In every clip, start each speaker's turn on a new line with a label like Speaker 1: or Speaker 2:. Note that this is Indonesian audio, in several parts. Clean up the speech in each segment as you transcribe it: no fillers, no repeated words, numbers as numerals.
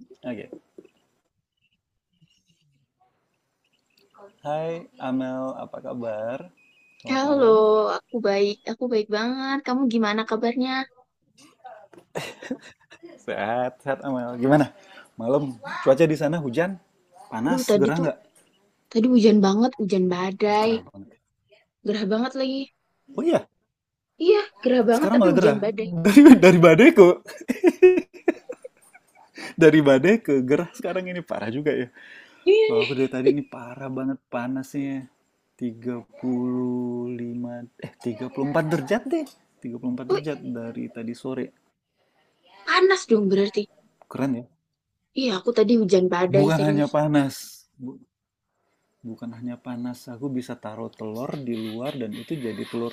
Speaker 1: Oke. Okay. Hai Amel, apa kabar? Selamat
Speaker 2: Halo,
Speaker 1: malam.
Speaker 2: aku baik. Aku baik banget. Kamu gimana kabarnya?
Speaker 1: Sehat, sehat Amel. Gimana? Malam, cuaca di sana hujan?
Speaker 2: Aduh,
Speaker 1: Panas,
Speaker 2: tadi
Speaker 1: gerah
Speaker 2: tuh,
Speaker 1: nggak?
Speaker 2: tadi hujan banget, hujan badai.
Speaker 1: Gerah banget.
Speaker 2: Gerah banget lagi.
Speaker 1: Oh iya,
Speaker 2: Iya, gerah banget
Speaker 1: sekarang
Speaker 2: tapi
Speaker 1: malah
Speaker 2: hujan
Speaker 1: gerah.
Speaker 2: badai.
Speaker 1: Dari badai ke gerah sekarang ini parah juga ya.
Speaker 2: Iya
Speaker 1: Kalau
Speaker 2: nih.
Speaker 1: aku dari tadi ini parah banget panasnya. 35, eh 34 derajat deh. Tiga puluh empat
Speaker 2: Oh,
Speaker 1: derajat dari tadi sore.
Speaker 2: panas dong berarti.
Speaker 1: Keren ya.
Speaker 2: Iya, aku tadi hujan badai,
Speaker 1: Bukan hanya
Speaker 2: serius.
Speaker 1: panas, bukan hanya panas, aku bisa taruh telur di luar dan itu jadi telur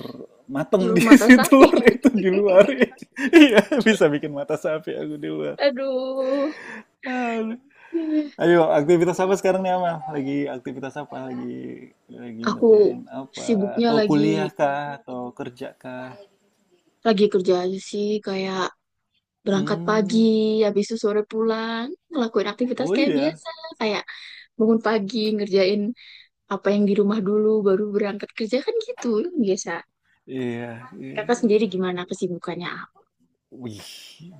Speaker 1: mateng
Speaker 2: Di
Speaker 1: di
Speaker 2: mata
Speaker 1: situ.
Speaker 2: sapi.
Speaker 1: Telur itu di luar. Iya, bisa bikin mata sapi aku di luar.
Speaker 2: Aduh.
Speaker 1: Aduh.
Speaker 2: Iya.
Speaker 1: Ayo, aktivitas apa sekarang nih Amal? Lagi aktivitas apa? Lagi
Speaker 2: Aku
Speaker 1: ngerjain apa?
Speaker 2: sibuknya
Speaker 1: Atau kuliah kah? Atau kerja kah?
Speaker 2: lagi kerja aja sih. Kayak berangkat pagi,
Speaker 1: Hmm.
Speaker 2: habis itu sore pulang. Ngelakuin aktivitas
Speaker 1: Oh
Speaker 2: kayak
Speaker 1: iya.
Speaker 2: biasa. Kayak bangun pagi, ngerjain apa yang di rumah dulu baru berangkat kerja kan gitu yang biasa.
Speaker 1: Iya, iya,
Speaker 2: Kakak sendiri
Speaker 1: iya.
Speaker 2: gimana kesibukannya?
Speaker 1: Wih,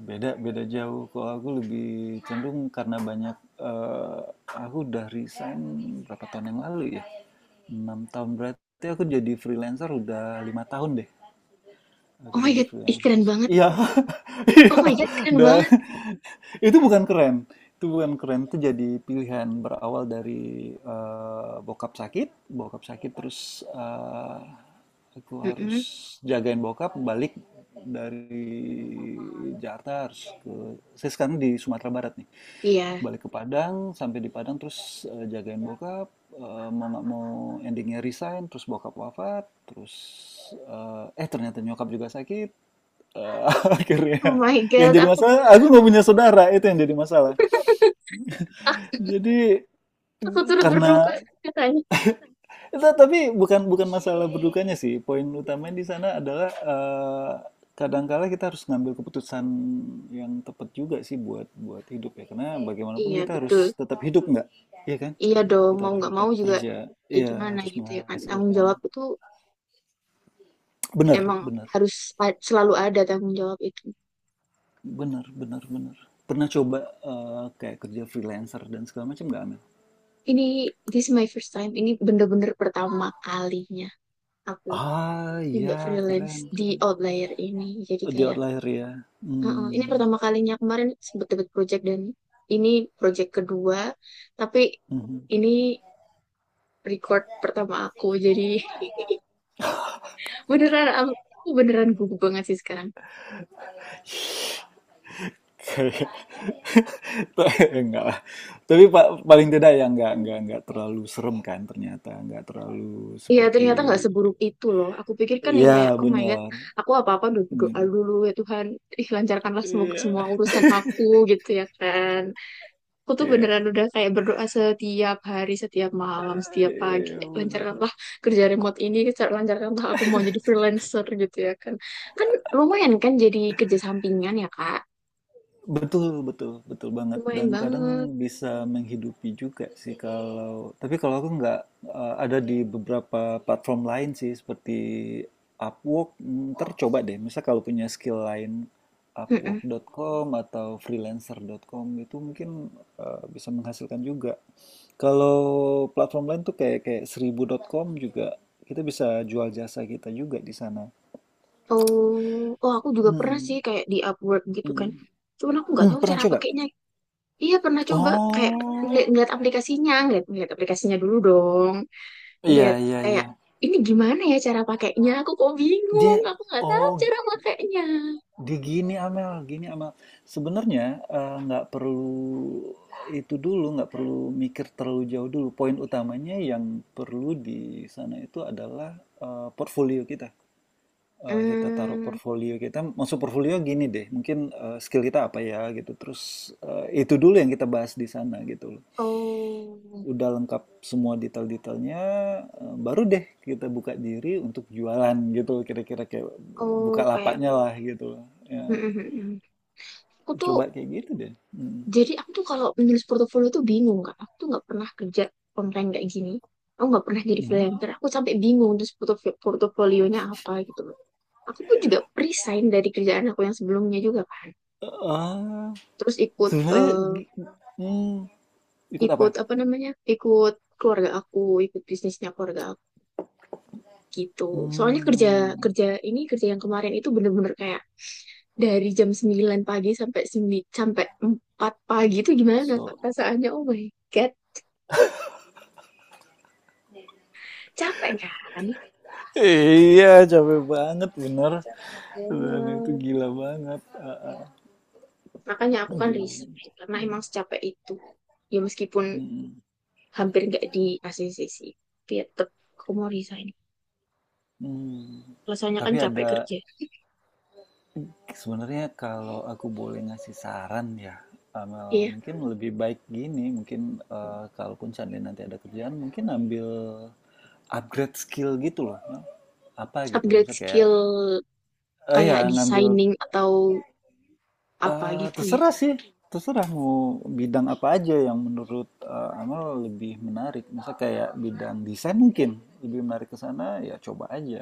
Speaker 1: beda beda jauh. Kalau aku lebih cenderung karena banyak, eh, aku udah resign berapa tahun yang lalu ya? 6 tahun berarti aku jadi freelancer udah 5 tahun deh.
Speaker 2: Oh
Speaker 1: Aku
Speaker 2: my
Speaker 1: jadi
Speaker 2: God, ih,
Speaker 1: freelancer.
Speaker 2: keren banget.
Speaker 1: Iya,
Speaker 2: Oh
Speaker 1: iya.
Speaker 2: my God, keren
Speaker 1: Dan
Speaker 2: banget.
Speaker 1: itu bukan keren. Itu bukan keren. Itu jadi pilihan berawal dari, bokap sakit. Bokap sakit terus, aku harus
Speaker 2: Mm-mm.
Speaker 1: jagain bokap balik dari Jakarta harus ke saya sekarang di Sumatera Barat nih.
Speaker 2: Iya.
Speaker 1: Balik ke Padang, sampai di Padang terus, jagain bokap, mau nggak mau endingnya resign, terus bokap wafat, terus, eee, eh ternyata nyokap juga sakit, eee, akhirnya
Speaker 2: Oh my
Speaker 1: yang
Speaker 2: God,
Speaker 1: jadi
Speaker 2: aku
Speaker 1: masalah aku nggak punya saudara, itu yang jadi masalah. Jadi,
Speaker 2: aku turut
Speaker 1: karena
Speaker 2: berduka katanya.
Speaker 1: itu tapi bukan bukan masalah berdukanya sih. Poin utamanya di sana adalah, kadangkala kita harus ngambil keputusan yang tepat juga sih buat buat hidup ya. Karena bagaimanapun
Speaker 2: Iya,
Speaker 1: kita
Speaker 2: betul.
Speaker 1: harus tetap hidup nggak, iya kan?
Speaker 2: Iya dong,
Speaker 1: Kita
Speaker 2: mau
Speaker 1: harus
Speaker 2: nggak
Speaker 1: tetap
Speaker 2: mau juga.
Speaker 1: kerja,
Speaker 2: Ya
Speaker 1: iya
Speaker 2: gimana
Speaker 1: harus
Speaker 2: gitu ya kan, tanggung
Speaker 1: menghasilkan.
Speaker 2: jawab itu
Speaker 1: Bener,
Speaker 2: emang
Speaker 1: bener,
Speaker 2: harus selalu ada tanggung jawab itu.
Speaker 1: bener, bener, bener. Pernah coba, kayak kerja freelancer dan segala macam nggak, Amel?
Speaker 2: Ini this is my first time, ini bener-bener pertama kalinya aku
Speaker 1: Ah,
Speaker 2: nyoba
Speaker 1: iya
Speaker 2: freelance
Speaker 1: keren,
Speaker 2: di
Speaker 1: keren.
Speaker 2: Outlier ini, jadi
Speaker 1: Di
Speaker 2: kayak.
Speaker 1: outlier ya.
Speaker 2: Heeh, ini
Speaker 1: Hmm.
Speaker 2: pertama kalinya kemarin sebut-sebut project dan ini project kedua, tapi
Speaker 1: Mhm.
Speaker 2: ini record pertama aku. Jadi, beneran aku beneran gugup banget sih sekarang.
Speaker 1: Enggak lah. Tapi paling tidak ya enggak terlalu serem kan ternyata, enggak terlalu
Speaker 2: Iya,
Speaker 1: seperti
Speaker 2: ternyata nggak seburuk itu loh. Aku pikir kan yang
Speaker 1: ya
Speaker 2: kayak, oh my God,
Speaker 1: benar.
Speaker 2: aku apa-apa doa
Speaker 1: Hmm.
Speaker 2: dulu ya Tuhan, ih lancarkanlah semoga
Speaker 1: Iya,
Speaker 2: semua urusan aku, gitu ya kan. Aku tuh
Speaker 1: iya.
Speaker 2: beneran udah kayak berdoa setiap hari, setiap malam, setiap pagi.
Speaker 1: Iya, benar.
Speaker 2: Lancarkanlah kerja remote ini, lancarkanlah aku mau jadi freelancer gitu ya kan. Kan lumayan kan jadi kerja sampingan ya Kak.
Speaker 1: Betul, betul, betul banget.
Speaker 2: Lumayan
Speaker 1: Dan
Speaker 2: banget.
Speaker 1: kadang bisa menghidupi juga sih kalau, tapi kalau aku nggak, ada di beberapa platform lain sih seperti Upwork, ntar coba deh. Misal kalau punya skill lain,
Speaker 2: Mm-mm.
Speaker 1: Upwork.com atau freelancer.com itu mungkin, bisa menghasilkan juga. Kalau platform lain tuh kayak kayak seribu.com juga kita bisa jual jasa kita juga di sana.
Speaker 2: Oh, oh aku juga pernah sih
Speaker 1: Mm,
Speaker 2: kayak di Upwork gitu
Speaker 1: mm,
Speaker 2: kan.
Speaker 1: mm.
Speaker 2: Cuman aku nggak
Speaker 1: Mm,
Speaker 2: tahu
Speaker 1: pernah
Speaker 2: cara
Speaker 1: coba?
Speaker 2: pakainya. Iya pernah coba kayak ngeliat,
Speaker 1: Oh.
Speaker 2: ngeliat aplikasinya, ngeliat aplikasinya dulu dong.
Speaker 1: Iya
Speaker 2: Ngeliat
Speaker 1: iya
Speaker 2: kayak
Speaker 1: iya.
Speaker 2: ini gimana ya cara pakainya? Aku kok
Speaker 1: Dia
Speaker 2: bingung, aku nggak tahu
Speaker 1: oh
Speaker 2: cara pakainya.
Speaker 1: di gini Amel, gini Amel. Sebenarnya, nggak perlu itu dulu, nggak perlu mikir terlalu jauh dulu. Poin utamanya yang perlu di sana itu adalah, portfolio kita. Kita taruh
Speaker 2: Hmm,
Speaker 1: portfolio kita. Maksud portfolio gini deh. Mungkin, skill kita apa ya gitu. Terus, itu dulu yang kita bahas di sana gitu.
Speaker 2: oh,
Speaker 1: Udah lengkap semua detail-detailnya, baru deh kita buka diri untuk jualan gitu, kira-kira kayak buka
Speaker 2: oh kayak,
Speaker 1: lapaknya lah gitu ya.
Speaker 2: mm, mm, mm, mm. Aku tuh,
Speaker 1: Coba kayak gitu deh. Hmm.
Speaker 2: jadi aku tuh kalau menulis portofolio tuh bingung kak. Aku tuh nggak pernah kerja online kayak gini. Aku nggak pernah jadi
Speaker 1: Ini.
Speaker 2: freelancer. Aku sampai bingung terus portofolionya apa gitu loh. Aku pun juga resign dari kerjaan aku yang sebelumnya juga kan.
Speaker 1: Ah,
Speaker 2: Terus ikut,
Speaker 1: sebenarnya gi- hmm, ikut apa
Speaker 2: ikut apa namanya? Ikut keluarga aku, ikut bisnisnya keluarga gitu. Soalnya kerja
Speaker 1: hmm,
Speaker 2: kerja ini kerja yang kemarin itu bener-bener kayak dari jam 9 pagi sampai sampai 4 pagi itu gimana Kak,
Speaker 1: so
Speaker 2: perasaannya? Oh my God, capek kan?
Speaker 1: iya capek banget bener
Speaker 2: Capek
Speaker 1: dan itu
Speaker 2: banget.
Speaker 1: gila banget. Ah, ah.
Speaker 2: Makanya aku kan
Speaker 1: Gila banget.
Speaker 2: resign karena emang secapek itu. Ya meskipun
Speaker 1: Mm,
Speaker 2: hampir nggak di ACC sih, tapi ya tetep aku mau resign.
Speaker 1: mm.
Speaker 2: Alasannya kan
Speaker 1: Tapi
Speaker 2: capek
Speaker 1: ada.
Speaker 2: kerja.
Speaker 1: Sebenarnya kalau aku boleh ngasih saran ya, Amel
Speaker 2: Iya,
Speaker 1: mungkin lebih baik gini. Mungkin, kalaupun seandainya nanti ada kerjaan, mungkin ambil upgrade skill gitu loh, apa gitu,
Speaker 2: upgrade
Speaker 1: misalnya kayak,
Speaker 2: skill
Speaker 1: ya
Speaker 2: kayak
Speaker 1: ngambil,
Speaker 2: designing atau apa gitu ya.
Speaker 1: terserah sih, terserah mau bidang apa aja yang menurut, Amel lebih menarik. Misal kayak bidang desain mungkin lebih menarik ke sana, ya coba aja.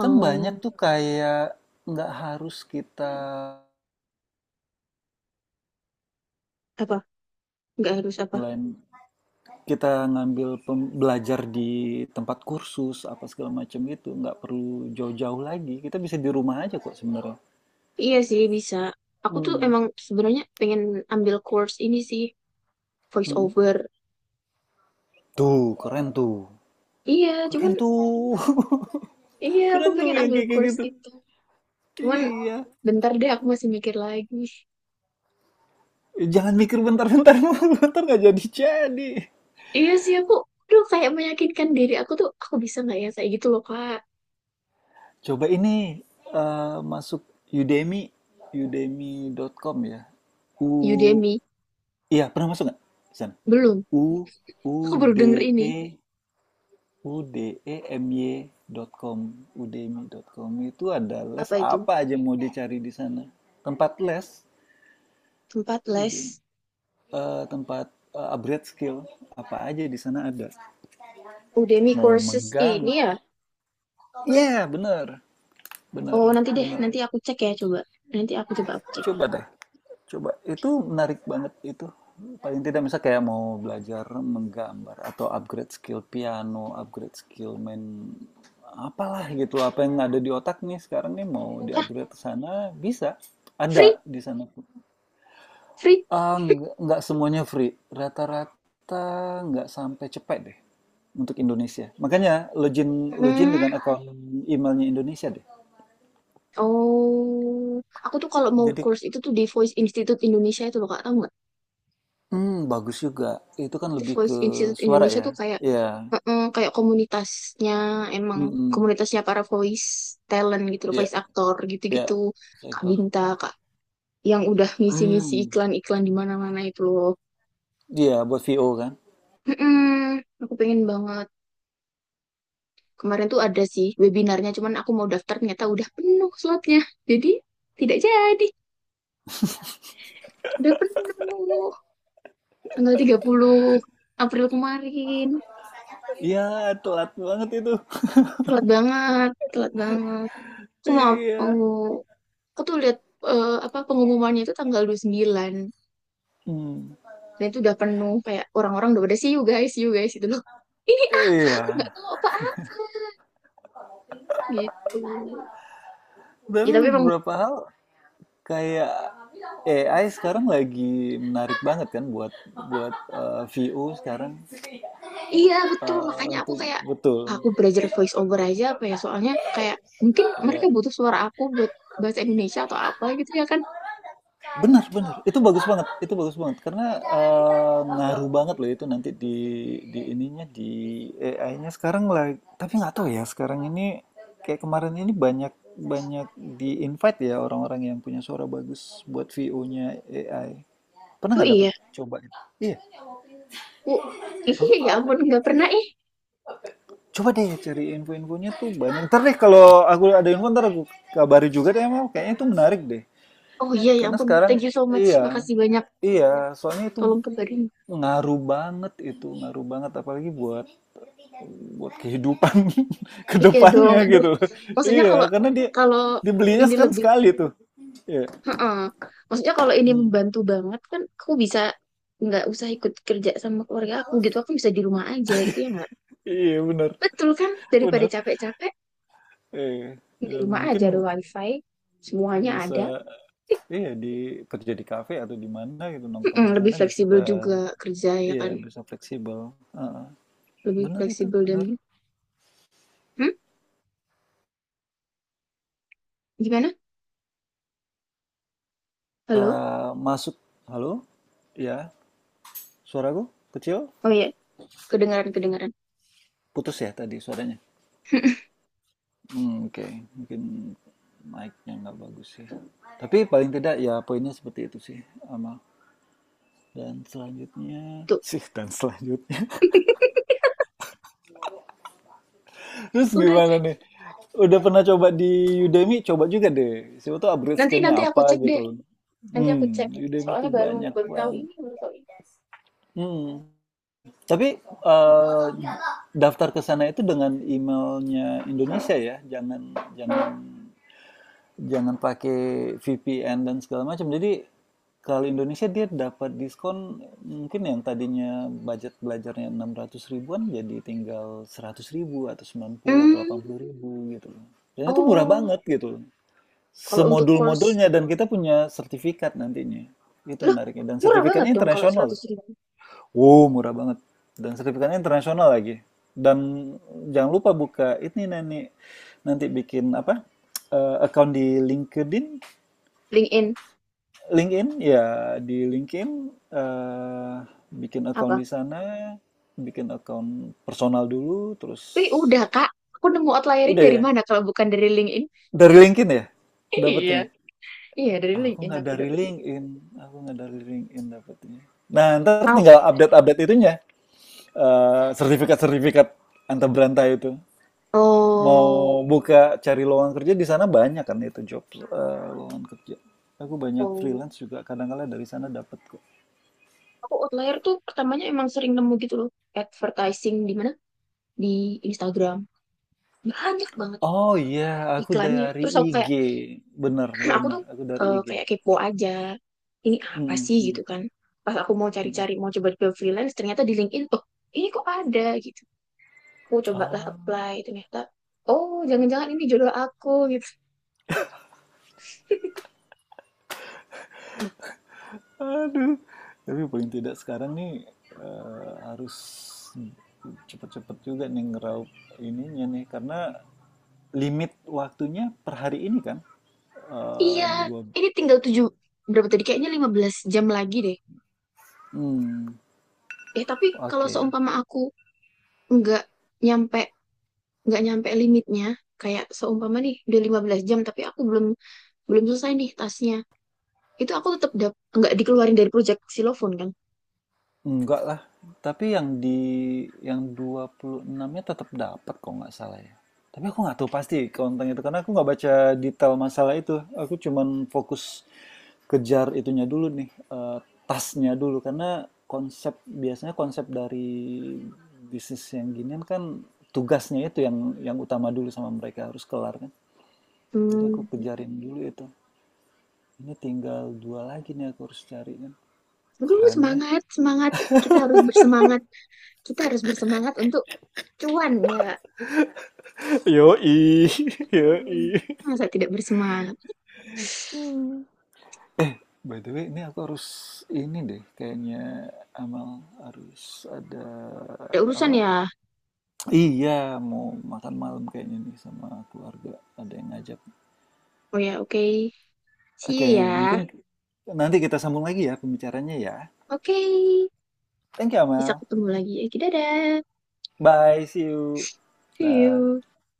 Speaker 1: Kan banyak tuh kayak nggak harus kita
Speaker 2: apa? Nggak harus apa?
Speaker 1: online, kita ngambil belajar di tempat kursus apa segala macam. Itu nggak perlu jauh-jauh lagi, kita bisa di rumah aja kok sebenarnya.
Speaker 2: Iya sih bisa. Aku tuh
Speaker 1: Hmm.
Speaker 2: emang sebenarnya pengen ambil course ini sih voice
Speaker 1: Mm-mm.
Speaker 2: over.
Speaker 1: Tuh keren tuh,
Speaker 2: Iya,
Speaker 1: keren
Speaker 2: cuman
Speaker 1: tuh,
Speaker 2: iya aku
Speaker 1: keren tuh
Speaker 2: pengen
Speaker 1: yang
Speaker 2: ambil
Speaker 1: kayak kayak
Speaker 2: course
Speaker 1: gitu,
Speaker 2: itu. Cuman
Speaker 1: iya.
Speaker 2: bentar deh aku masih mikir lagi.
Speaker 1: Jangan mikir bentar-bentar. Bentar nggak jadi-jadi.
Speaker 2: Iya sih aku aduh kayak meyakinkan diri aku tuh aku bisa nggak ya kayak gitu loh Kak.
Speaker 1: Coba ini, masuk Udemy, udemy.com ya. U,
Speaker 2: Udemy
Speaker 1: iya pernah masuk nggak, San?
Speaker 2: belum.
Speaker 1: U, u,
Speaker 2: Aku baru denger
Speaker 1: d,
Speaker 2: ini.
Speaker 1: e, udemy dot com, itu ada les
Speaker 2: Apa itu?
Speaker 1: apa aja mau dicari di sana. Tempat les,
Speaker 2: Tempat les
Speaker 1: Udemy, tempat, upgrade skill apa aja di sana ada.
Speaker 2: Udemy
Speaker 1: Mau
Speaker 2: courses
Speaker 1: menggang.
Speaker 2: ini ya.
Speaker 1: Iya, yeah, bener, bener,
Speaker 2: Oh, nanti deh
Speaker 1: bener.
Speaker 2: nanti aku cek ya coba. Nanti aku coba aku cek.
Speaker 1: Coba deh. Coba itu menarik banget itu. Paling tidak misalnya kayak mau belajar menggambar atau upgrade skill piano, upgrade skill main apalah gitu. Apa yang ada di otak nih sekarang nih mau
Speaker 2: Hah,
Speaker 1: di-upgrade ke sana bisa. Ada
Speaker 2: free?
Speaker 1: di sana.
Speaker 2: Free?
Speaker 1: Ah, nggak semuanya free. Rata-rata nggak sampai cepet deh untuk Indonesia. Makanya login login
Speaker 2: Hmm.
Speaker 1: dengan akun emailnya Indonesia deh.
Speaker 2: Oh, aku tuh kalau mau
Speaker 1: Jadi,
Speaker 2: course itu tuh di Voice Institute Indonesia itu loh Kak, tahu nggak?
Speaker 1: bagus juga. Itu kan
Speaker 2: Di
Speaker 1: lebih ke
Speaker 2: Voice Institute
Speaker 1: suara
Speaker 2: Indonesia
Speaker 1: ya.
Speaker 2: tuh kayak
Speaker 1: Iya.
Speaker 2: heeh, kayak komunitasnya emang
Speaker 1: Mm-mm.
Speaker 2: komunitasnya para voice talent gitu loh,
Speaker 1: Iya,
Speaker 2: voice actor
Speaker 1: iya,
Speaker 2: gitu-gitu. Kak
Speaker 1: sektor.
Speaker 2: Binta, Kak yang udah ngisi-ngisi
Speaker 1: Hmm.
Speaker 2: iklan-iklan di mana-mana itu loh.
Speaker 1: Iya, buat VO kan?
Speaker 2: Heeh, aku pengen banget. Kemarin tuh ada sih webinarnya, cuman aku mau daftar ternyata udah penuh slotnya. Jadi tidak jadi, udah penuh. Tanggal 30 April kemarin.
Speaker 1: Iya, telat banget itu.
Speaker 2: Telat banget, telat banget. Aku mau, mau
Speaker 1: Iya.
Speaker 2: aku tuh lihat apa pengumumannya itu tanggal 29.
Speaker 1: Hmm.
Speaker 2: Dan itu udah penuh kayak orang-orang udah pada see you guys itu loh. Ini apa?
Speaker 1: Iya.
Speaker 2: Aku nggak tahu apa-apa gitu. Ya
Speaker 1: Tapi
Speaker 2: tapi emang
Speaker 1: beberapa hal kayak AI sekarang lagi menarik banget kan buat buat eh, VO sekarang.
Speaker 2: iya betul makanya aku
Speaker 1: Untuk
Speaker 2: kayak
Speaker 1: betul.
Speaker 2: aku belajar voice over aja apa ya soalnya kayak mungkin mereka
Speaker 1: Iya.
Speaker 2: butuh suara aku buat bahasa Indonesia atau apa gitu ya kan.
Speaker 1: Benar benar itu bagus banget karena, ngaruh banget loh itu nanti di ininya di AI-nya sekarang lah. Tapi nggak tahu ya sekarang ini, kayak kemarin ini banyak banyak di invite ya orang-orang yang punya suara bagus buat VO-nya AI. Pernah
Speaker 2: Oh
Speaker 1: nggak dapet
Speaker 2: iya,
Speaker 1: coba? Gitu. Iya,
Speaker 2: aku
Speaker 1: aku,
Speaker 2: iya ya ampun nggak pernah eh.
Speaker 1: coba deh cari info-infonya tuh banyak. Ntar deh kalau aku ada info, ntar aku kabari juga deh, emang kayaknya itu menarik deh.
Speaker 2: Oh iya ya
Speaker 1: Karena
Speaker 2: ampun,
Speaker 1: sekarang,
Speaker 2: thank you so much.
Speaker 1: iya,
Speaker 2: Makasih banyak.
Speaker 1: iya, soalnya itu
Speaker 2: Tolong kabarin.
Speaker 1: ngaruh banget, itu ngaruh banget apalagi buat buat kehidupan ke
Speaker 2: Iya dong.
Speaker 1: depannya
Speaker 2: Aduh,
Speaker 1: gitu.
Speaker 2: maksudnya kalau
Speaker 1: Iya karena dia
Speaker 2: kalau
Speaker 1: dibelinya
Speaker 2: ini
Speaker 1: kan
Speaker 2: lebih,
Speaker 1: sekali tuh, iya.
Speaker 2: heeh. Maksudnya kalau ini
Speaker 1: Hmm.
Speaker 2: membantu banget kan, aku bisa nggak usah ikut kerja sama keluarga aku gitu. Aku bisa di rumah aja gitu ya nggak?
Speaker 1: Iya benar,
Speaker 2: Betul kan? Daripada
Speaker 1: benar,
Speaker 2: capek-capek
Speaker 1: eh
Speaker 2: di
Speaker 1: dan
Speaker 2: rumah aja
Speaker 1: mungkin
Speaker 2: ada wifi, semuanya
Speaker 1: bisa,
Speaker 2: ada.
Speaker 1: iya, di kerja di kafe atau di mana gitu, nongkrong
Speaker 2: Heeh,
Speaker 1: di
Speaker 2: lebih
Speaker 1: sana bisa.
Speaker 2: fleksibel juga kerja ya
Speaker 1: Iya
Speaker 2: kan?
Speaker 1: bisa fleksibel. Heeh.
Speaker 2: Lebih
Speaker 1: Benar itu
Speaker 2: fleksibel dan
Speaker 1: benar.
Speaker 2: hmm? Gimana? Halo?
Speaker 1: Ah, masuk, halo, ya, suaraku kecil,
Speaker 2: Oh iya, kedengaran kedengaran.
Speaker 1: putus ya tadi suaranya. Mmm, oke. Mungkin mic-nya nggak bagus sih. Tapi paling tidak ya poinnya seperti itu sih, Amal. Dan selanjutnya
Speaker 2: Tuh,
Speaker 1: sih dan selanjutnya. Terus
Speaker 2: udah.
Speaker 1: gimana nih? Udah pernah coba di Udemy? Coba juga deh, siapa tuh upgrade
Speaker 2: Nanti
Speaker 1: skillnya
Speaker 2: nanti aku
Speaker 1: apa
Speaker 2: cek
Speaker 1: gitu
Speaker 2: deh.
Speaker 1: loh.
Speaker 2: Nanti aku cek.
Speaker 1: Mmm, Udemy
Speaker 2: Soalnya
Speaker 1: tuh
Speaker 2: baru
Speaker 1: banyak
Speaker 2: baru tahu
Speaker 1: banget.
Speaker 2: ini, baru tahu.
Speaker 1: Hmm. Tapi, daftar ke sana itu dengan emailnya Indonesia ya, jangan jangan jangan pakai VPN dan segala macam. Jadi kalau Indonesia dia dapat diskon, mungkin yang tadinya budget belajarnya 600 ribuan jadi tinggal 100 ribu atau 90 atau
Speaker 2: Hmm,
Speaker 1: 80 ribu gitu. Dan itu murah
Speaker 2: oh,
Speaker 1: banget gitu.
Speaker 2: kalau untuk course,
Speaker 1: Semodul-modulnya dan kita punya sertifikat nantinya. Itu
Speaker 2: loh,
Speaker 1: menariknya. Dan
Speaker 2: murah banget
Speaker 1: sertifikatnya
Speaker 2: dong kalau
Speaker 1: internasional.
Speaker 2: 100 ribu.
Speaker 1: Wow, murah banget. Dan sertifikatnya internasional lagi. Dan jangan lupa buka ini nanti nanti bikin apa? Account di LinkedIn.
Speaker 2: LinkedIn,
Speaker 1: LinkedIn ya, di LinkedIn, eh, bikin account
Speaker 2: apa?
Speaker 1: di sana, bikin account personal dulu, terus
Speaker 2: Tapi udah, Kak. Aku nemu outlierin
Speaker 1: udah
Speaker 2: dari
Speaker 1: ya
Speaker 2: mana kalau bukan dari LinkedIn?
Speaker 1: dari LinkedIn ya
Speaker 2: Iya,
Speaker 1: dapatnya.
Speaker 2: iya dari
Speaker 1: Aku
Speaker 2: LinkedIn
Speaker 1: nggak
Speaker 2: aku
Speaker 1: dari
Speaker 2: dapet.
Speaker 1: LinkedIn, aku nggak dari LinkedIn dapatnya. Nah ntar
Speaker 2: Oh,
Speaker 1: tinggal update-update itunya, sertifikat-sertifikat antar berantai itu. Mau
Speaker 2: oh,
Speaker 1: buka cari lowongan kerja di sana, banyak kan itu job, lowongan kerja. Aku banyak
Speaker 2: oh.
Speaker 1: freelance juga kadang-kadang dari sana dapat kok.
Speaker 2: Aku outlier tuh pertamanya emang sering nemu gitu loh. Advertising di mana? Di Instagram. Banyak banget
Speaker 1: Oh iya, aku
Speaker 2: iklannya.
Speaker 1: dari
Speaker 2: Terus aku
Speaker 1: IG.
Speaker 2: kayak,
Speaker 1: Benar,
Speaker 2: aku
Speaker 1: benar.
Speaker 2: tuh
Speaker 1: Aku dari IG.
Speaker 2: kayak kepo aja ini apa
Speaker 1: Mhm,
Speaker 2: sih gitu
Speaker 1: mhm,
Speaker 2: kan pas aku mau
Speaker 1: mhm.
Speaker 2: cari-cari mau coba-coba freelance ternyata di LinkedIn, oh ini kok ada gitu aku cobalah
Speaker 1: Ah,
Speaker 2: apply ternyata oh jangan-jangan ini jodoh aku gitu.
Speaker 1: aduh. Tapi paling tidak sekarang nih, harus cepet-cepet juga nih ngeraup ininya nih. Karena limit waktunya per hari ini kan.
Speaker 2: Iya,
Speaker 1: Dua...
Speaker 2: ini tinggal tujuh berapa tadi kayaknya 15 jam lagi deh.
Speaker 1: Hmm,
Speaker 2: Eh tapi kalau
Speaker 1: oke.
Speaker 2: seumpama aku nggak nyampe nggak nyampe limitnya, kayak seumpama nih udah 15 jam tapi aku belum belum selesai nih tasnya, itu aku tetap nggak dikeluarin dari project silofon kan.
Speaker 1: Enggak lah, tapi yang 26-nya tetap dapat kok, nggak salah ya. Tapi aku nggak tahu pasti konten itu karena aku nggak baca detail masalah itu. Aku cuman fokus kejar itunya dulu nih, tasnya dulu, karena konsep biasanya konsep dari bisnis yang ginian kan, tugasnya itu yang utama dulu sama mereka harus kelar kan. Jadi aku
Speaker 2: Hmm.
Speaker 1: kejarin dulu itu. Ini tinggal dua lagi nih aku harus cari kan.
Speaker 2: Aduh,
Speaker 1: Keren ya.
Speaker 2: semangat semangat, kita harus bersemangat, kita harus bersemangat untuk cuan ya.
Speaker 1: Yoi,
Speaker 2: Hmm,
Speaker 1: yoi.
Speaker 2: masa tidak bersemangat.
Speaker 1: By the way, ini deh, kayaknya Amal harus ada.
Speaker 2: Ada urusan
Speaker 1: Apa?
Speaker 2: ya.
Speaker 1: Iya, mau makan malam kayaknya nih sama keluarga. Ada yang ngajak.
Speaker 2: Oh ya, oke. Okay. See
Speaker 1: Oke,
Speaker 2: you
Speaker 1: mungkin
Speaker 2: ya.
Speaker 1: nanti kita sambung lagi ya pembicaranya ya.
Speaker 2: Oke. Okay.
Speaker 1: Thank you,
Speaker 2: Bisa
Speaker 1: Amal.
Speaker 2: ketemu lagi ya. Dadah,
Speaker 1: Bye, see you.
Speaker 2: see
Speaker 1: Dah.
Speaker 2: you.